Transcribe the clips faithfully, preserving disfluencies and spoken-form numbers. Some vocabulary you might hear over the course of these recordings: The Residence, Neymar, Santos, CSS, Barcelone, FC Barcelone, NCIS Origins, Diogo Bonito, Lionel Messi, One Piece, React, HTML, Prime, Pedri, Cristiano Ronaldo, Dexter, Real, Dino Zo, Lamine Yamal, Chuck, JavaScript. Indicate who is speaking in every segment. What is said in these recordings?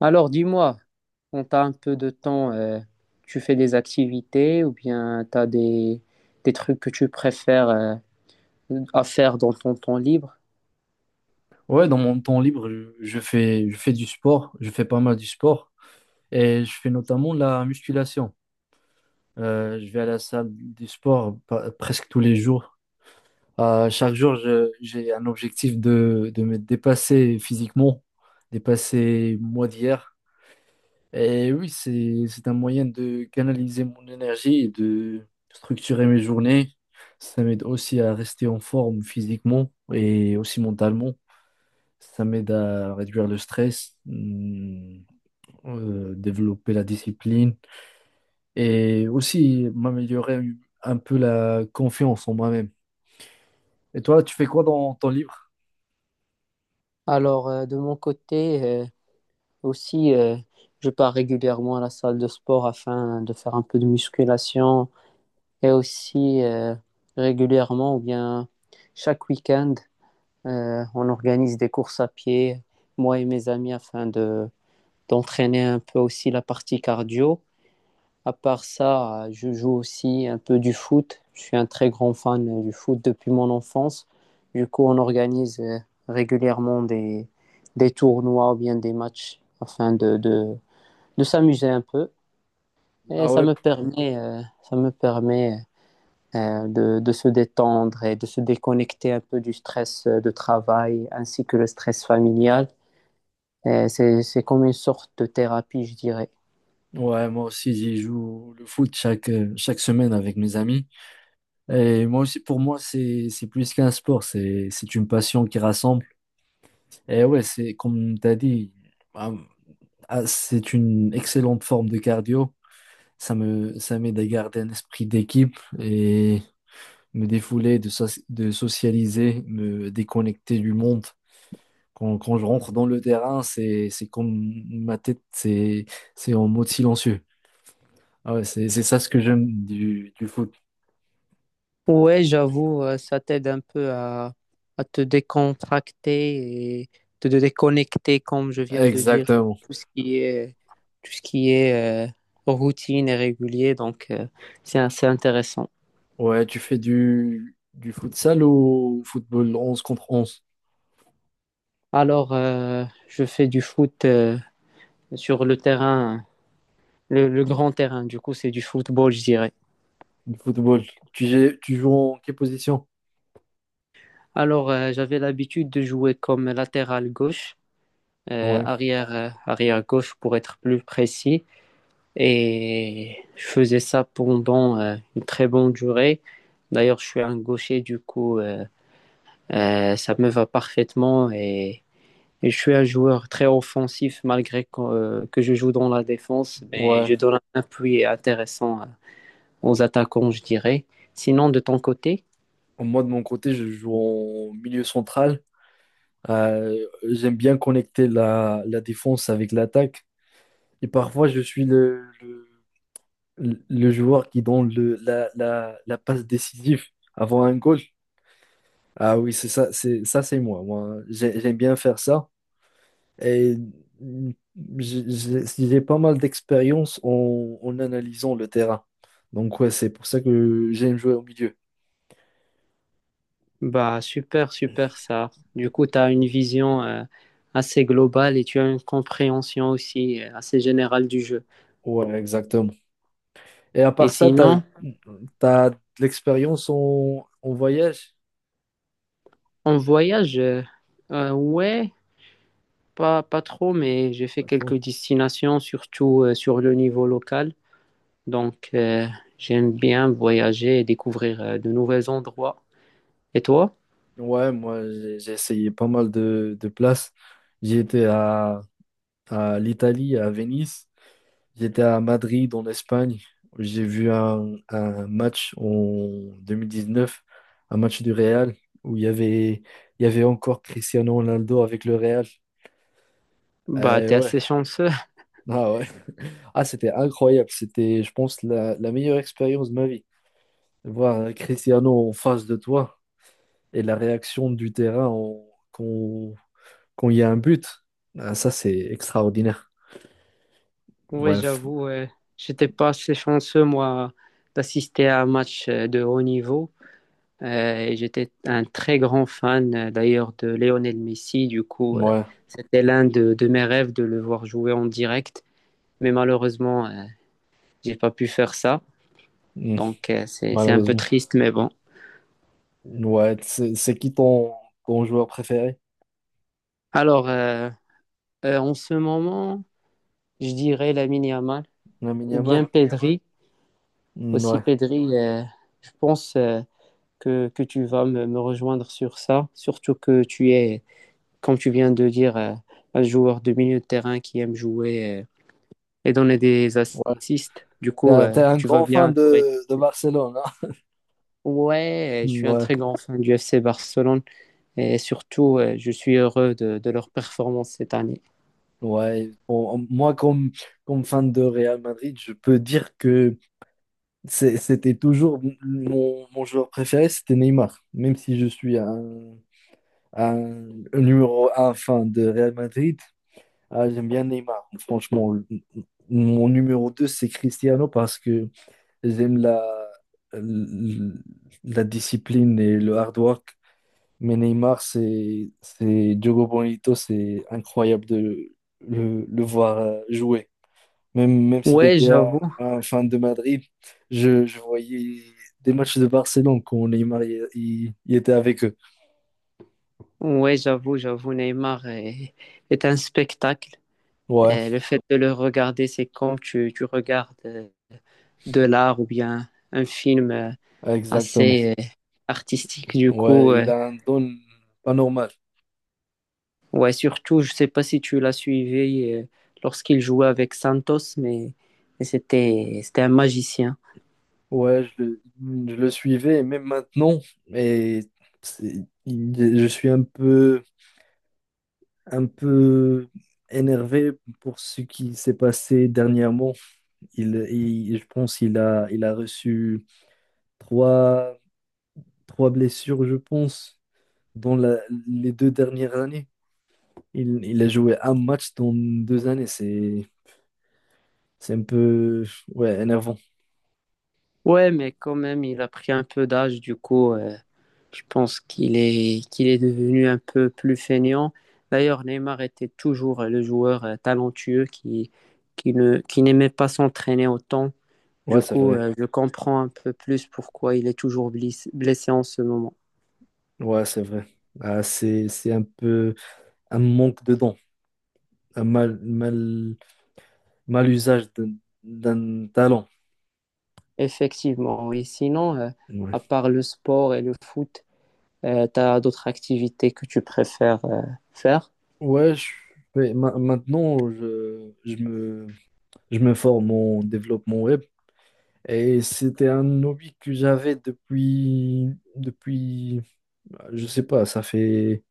Speaker 1: Alors, dis-moi, quand t'as un peu de temps, euh, tu fais des activités ou bien t'as des, des trucs que tu préfères, euh, à faire dans ton temps libre?
Speaker 2: Ouais, dans mon temps libre, je, je fais, je fais du sport, je fais pas mal du sport et je fais notamment la musculation. Euh, je vais à la salle du sport pa- presque tous les jours. Euh, chaque jour, je- j'ai un objectif de, de me dépasser physiquement, dépasser moi d'hier. Et oui, c'est, c'est un moyen de canaliser mon énergie et de structurer mes journées. Ça m'aide aussi à rester en forme physiquement et aussi mentalement. Ça m'aide à réduire le stress, mm, euh, développer la discipline et aussi m'améliorer un peu la confiance en moi-même. Et toi, tu fais quoi dans ton livre?
Speaker 1: Alors, euh, de mon côté, euh, aussi, euh, je pars régulièrement à la salle de sport afin de faire un peu de musculation et aussi euh, régulièrement ou bien chaque week-end, euh, on organise des courses à pied, moi et mes amis, afin de, d'entraîner un peu aussi la partie cardio. À part ça, euh, je joue aussi un peu du foot. Je suis un très grand fan euh, du foot depuis mon enfance. Du coup, on organise euh, régulièrement des, des tournois ou bien des matchs afin de, de, de s'amuser un peu. Et
Speaker 2: Ah
Speaker 1: ça
Speaker 2: ouais.
Speaker 1: me permet, euh, ça me permet euh, de, de se détendre et de se déconnecter un peu du stress euh, de travail ainsi que le stress familial. Et C'est, c'est comme une sorte de thérapie, je dirais.
Speaker 2: Ouais, moi aussi, j'y joue le foot chaque, euh, chaque semaine avec mes amis. Et moi aussi, pour moi, c'est, c'est plus qu'un sport, c'est, c'est une passion qui rassemble. Et ouais, c'est comme tu as dit, ah, ah, c'est une excellente forme de cardio. Ça me, ça m'aide à garder un esprit d'équipe et me défouler, de, soci- de socialiser, me déconnecter du monde. Quand, quand je rentre dans le terrain, c'est, c'est comme ma tête, c'est, c'est en mode silencieux. Ah ouais, c'est, c'est ça ce que j'aime du, du foot.
Speaker 1: Ouais, j'avoue, euh, ça t'aide un peu à, à te décontracter et te te déconnecter, comme je viens de dire,
Speaker 2: Exactement.
Speaker 1: tout ce qui est, tout ce qui est euh, routine et régulier. Donc, euh, c'est assez intéressant.
Speaker 2: Ouais, tu fais du, du futsal ou football onze contre onze?
Speaker 1: Alors, euh, je fais du foot euh, sur le terrain, le, le grand terrain. Du coup, c'est du football, je dirais.
Speaker 2: Du football. Tu, gé- tu joues en quelle position?
Speaker 1: Alors, euh, j'avais l'habitude de jouer comme latéral gauche, euh,
Speaker 2: Ouais,
Speaker 1: arrière, euh, arrière gauche pour être plus précis. Et je faisais ça pendant euh, une très bonne durée. D'ailleurs, je suis un gaucher, du coup, euh, euh, ça me va parfaitement. Et, et je suis un joueur très offensif, malgré que, euh, que je joue dans la défense. Mais
Speaker 2: ouais.
Speaker 1: je donne un appui intéressant euh, aux attaquants, je dirais. Sinon, de ton côté,
Speaker 2: Moi, de mon côté, je joue en milieu central. Euh, J'aime bien connecter la, la défense avec l'attaque. Et parfois, je suis le, le, le- joueur qui donne le, la, la, la passe décisive avant un goal. Ah oui, c'est ça, c'est ça, c'est moi. Moi, j'ai- j'aime bien faire ça. Et mm, j'ai j'ai- j'ai pas mal d'expérience en, en analysant le terrain. Donc, ouais, c'est pour ça que j'aime jouer au milieu.
Speaker 1: bah, super, super ça. Du coup, tu as une vision euh, assez globale et tu as une compréhension aussi euh, assez générale du jeu.
Speaker 2: Ouais, exactement. Et à
Speaker 1: Et
Speaker 2: part ça, t'as,
Speaker 1: sinon,
Speaker 2: t'as de l'expérience en, en voyage?
Speaker 1: en voyage, euh, euh, ouais, pas, pas trop, mais j'ai fait
Speaker 2: Pas
Speaker 1: quelques
Speaker 2: trop.
Speaker 1: destinations, surtout euh, sur le niveau local. Donc, euh, j'aime bien voyager et découvrir euh, de nouveaux endroits. Et toi?
Speaker 2: Ouais, moi, j'ai j'ai essayé pas mal de, de places. J'y étais à à l'Italie, à Venise. J'étais à Madrid, en Espagne. J'ai vu un, un match en deux mille dix-neuf, un match du Real, où il y avait, il y avait encore Cristiano Ronaldo avec le Real.
Speaker 1: Bah,
Speaker 2: Eh
Speaker 1: t'es
Speaker 2: ouais,
Speaker 1: assez chanceux.
Speaker 2: ah ouais. Ah, c'était incroyable. C'était, je pense, la, la meilleure expérience de ma vie. Voir Cristiano en face de toi et la réaction du terrain en- quand, quand il y a un but. Ah, ça, c'est extraordinaire.
Speaker 1: Oui,
Speaker 2: Bref,
Speaker 1: j'avoue, euh, j'étais pas assez chanceux, moi, d'assister à un match euh, de haut niveau. Euh, et j'étais un très grand fan euh, d'ailleurs de Lionel Messi. Du coup, euh,
Speaker 2: ouais.
Speaker 1: c'était l'un de, de mes rêves de le voir jouer en direct. Mais malheureusement, euh, j'ai pas pu faire ça.
Speaker 2: Mm.
Speaker 1: Donc, euh, c'est, c'est un peu
Speaker 2: Malheureusement.
Speaker 1: triste, mais bon.
Speaker 2: Ouais, c'est c'est qui ton, ton joueur préféré?
Speaker 1: Alors, euh, euh, en ce moment, je dirais Lamine Yamal
Speaker 2: Lamine
Speaker 1: ou bien
Speaker 2: Yamal?
Speaker 1: Pedri.
Speaker 2: Mm,
Speaker 1: Aussi,
Speaker 2: ouais,
Speaker 1: Pedri, euh, je pense euh, que, que tu vas me, me rejoindre sur ça. Surtout que tu es, comme tu viens de dire, euh, un joueur de milieu de terrain qui aime jouer, euh, et donner des
Speaker 2: ouais.
Speaker 1: assists. Du
Speaker 2: T'es
Speaker 1: coup,
Speaker 2: un,
Speaker 1: euh,
Speaker 2: t'es un
Speaker 1: tu vas
Speaker 2: grand fan
Speaker 1: bien au rythme.
Speaker 2: de, de Barcelone, hein?
Speaker 1: Ouais, euh, je
Speaker 2: Mm,
Speaker 1: suis un
Speaker 2: ouais,
Speaker 1: très grand fan du F C Barcelone et surtout, euh, je suis heureux de, de leur performance cette année.
Speaker 2: ouais. Bon, moi, comme, comme fan de Real Madrid, je peux dire que c'est- c'était toujours mon, mon joueur préféré, c'était Neymar. Même si je suis un, un numéro un fan de Real Madrid, ah, j'aime bien Neymar. Franchement, le- mon numéro deux c'est Cristiano parce que J'aime la, l- la discipline et le hard work. Mais Neymar, c'est, c'est Diogo Bonito, c'est incroyable de le, le voir euh, jouer. Même, même si
Speaker 1: Ouais,
Speaker 2: j'étais un,
Speaker 1: j'avoue.
Speaker 2: un fan de Madrid, je, je voyais des matchs de Barcelone quand Neymar il, il- il était avec eux.
Speaker 1: Ouais, j'avoue, j'avoue, Neymar est, est un spectacle.
Speaker 2: Ouais,
Speaker 1: Et le fait de le regarder, c'est comme tu, tu regardes euh, de l'art ou bien un film euh,
Speaker 2: exactement.
Speaker 1: assez euh, artistique. Du coup,
Speaker 2: Ouais,
Speaker 1: euh,
Speaker 2: il a un don pas normal.
Speaker 1: Ouais, surtout, je sais pas si tu l'as suivi euh, lorsqu'il jouait avec Santos, mais, mais c'était, c'était un magicien.
Speaker 2: Ouais, je, le- je le suivais, et même maintenant. Et c'est- il- je suis un peu un peu énervé pour ce qui s'est passé dernièrement. Il, il- je pense qu'il a, il a reçu trois, trois blessures, je pense, dans la- les deux dernières années. Il, il a joué un match dans deux années. C'est, c'est un peu, ouais, énervant.
Speaker 1: Ouais, mais quand même, il a pris un peu d'âge, du coup, euh, je pense qu'il est, qu'il est devenu un peu plus feignant. D'ailleurs, Neymar était toujours euh, le joueur euh, talentueux qui, qui ne, qui n'aimait pas s'entraîner autant.
Speaker 2: Ouais,
Speaker 1: Du
Speaker 2: c'est
Speaker 1: coup,
Speaker 2: vrai.
Speaker 1: euh, je comprends un peu plus pourquoi il est toujours blis- blessé en ce moment.
Speaker 2: Ouais, c'est vrai. Ah, c'est, c'est un peu un manque de dons, un mal, mal, mal usage d'un d'un talent.
Speaker 1: Effectivement, oui. Sinon, euh, à
Speaker 2: Ouais.
Speaker 1: part le sport et le foot, Euh, tu as d'autres activités que tu préfères euh, faire?
Speaker 2: Ouais, je fais- ma- maintenant, je, je me, je me forme en développement web et c'était un hobby que j'avais depuis, depuis, je sais pas, ça fait,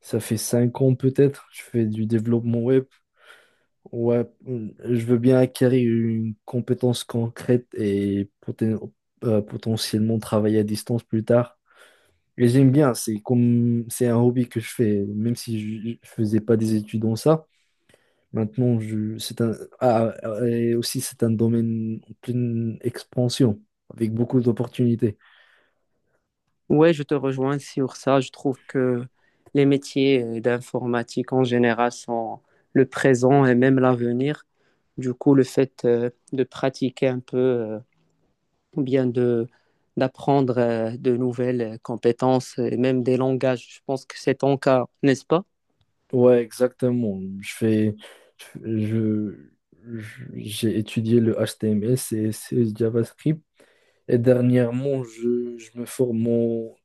Speaker 2: ça fait cinq ans peut-être. Je fais du développement web. Ouais, je veux bien acquérir une compétence concrète et poten- euh, potentiellement travailler à distance plus tard. Et j'aime bien, c'est comme, c'est un hobby que je fais, même si je, je faisais pas des études dans ça. Maintenant, je, c'est un, ah, ah, et aussi, c'est un domaine en pleine expansion, avec beaucoup d'opportunités.
Speaker 1: Ouais, je te rejoins sur ça. Je trouve que les métiers euh, d'informatique en général sont le présent et même l'avenir. Du coup, le fait euh, de pratiquer un peu, euh, ou bien de d'apprendre euh, de nouvelles euh, compétences et même des langages, je pense que c'est ton cas, n'est-ce pas?
Speaker 2: Ouais, exactement. Je fais, je, je- j'ai étudié le H T M L, C S S, JavaScript, et dernièrement, je, je me forme en,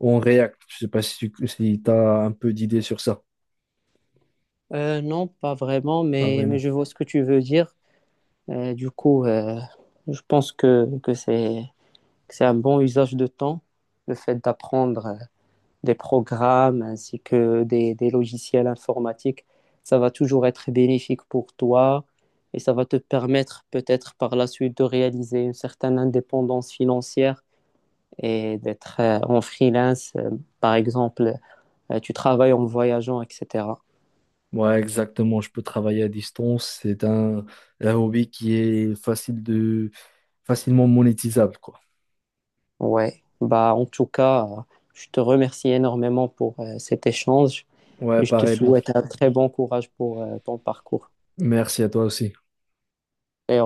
Speaker 2: en React. Je sais pas si tu si as un peu d'idées sur ça.
Speaker 1: Euh, non, pas vraiment,
Speaker 2: Pas
Speaker 1: mais, mais
Speaker 2: vraiment.
Speaker 1: je vois ce que tu veux dire. Euh, du coup, euh, je pense que, que c'est c'est un bon usage de temps, le fait d'apprendre euh, des programmes ainsi que des, des logiciels informatiques. Ça va toujours être bénéfique pour toi et ça va te permettre peut-être par la suite de réaliser une certaine indépendance financière et d'être euh, en freelance, euh, par exemple, euh, tu travailles en voyageant, et cætera.
Speaker 2: Ouais, exactement. Je peux travailler à distance. C'est un, un hobby qui est facile de, facilement monétisable, quoi.
Speaker 1: Ouais, bah en tout cas, euh, je te remercie énormément pour euh, cet échange
Speaker 2: Ouais,
Speaker 1: et je te
Speaker 2: pareil. bon.
Speaker 1: souhaite un très bon courage pour euh, ton parcours.
Speaker 2: Merci à toi aussi.
Speaker 1: Et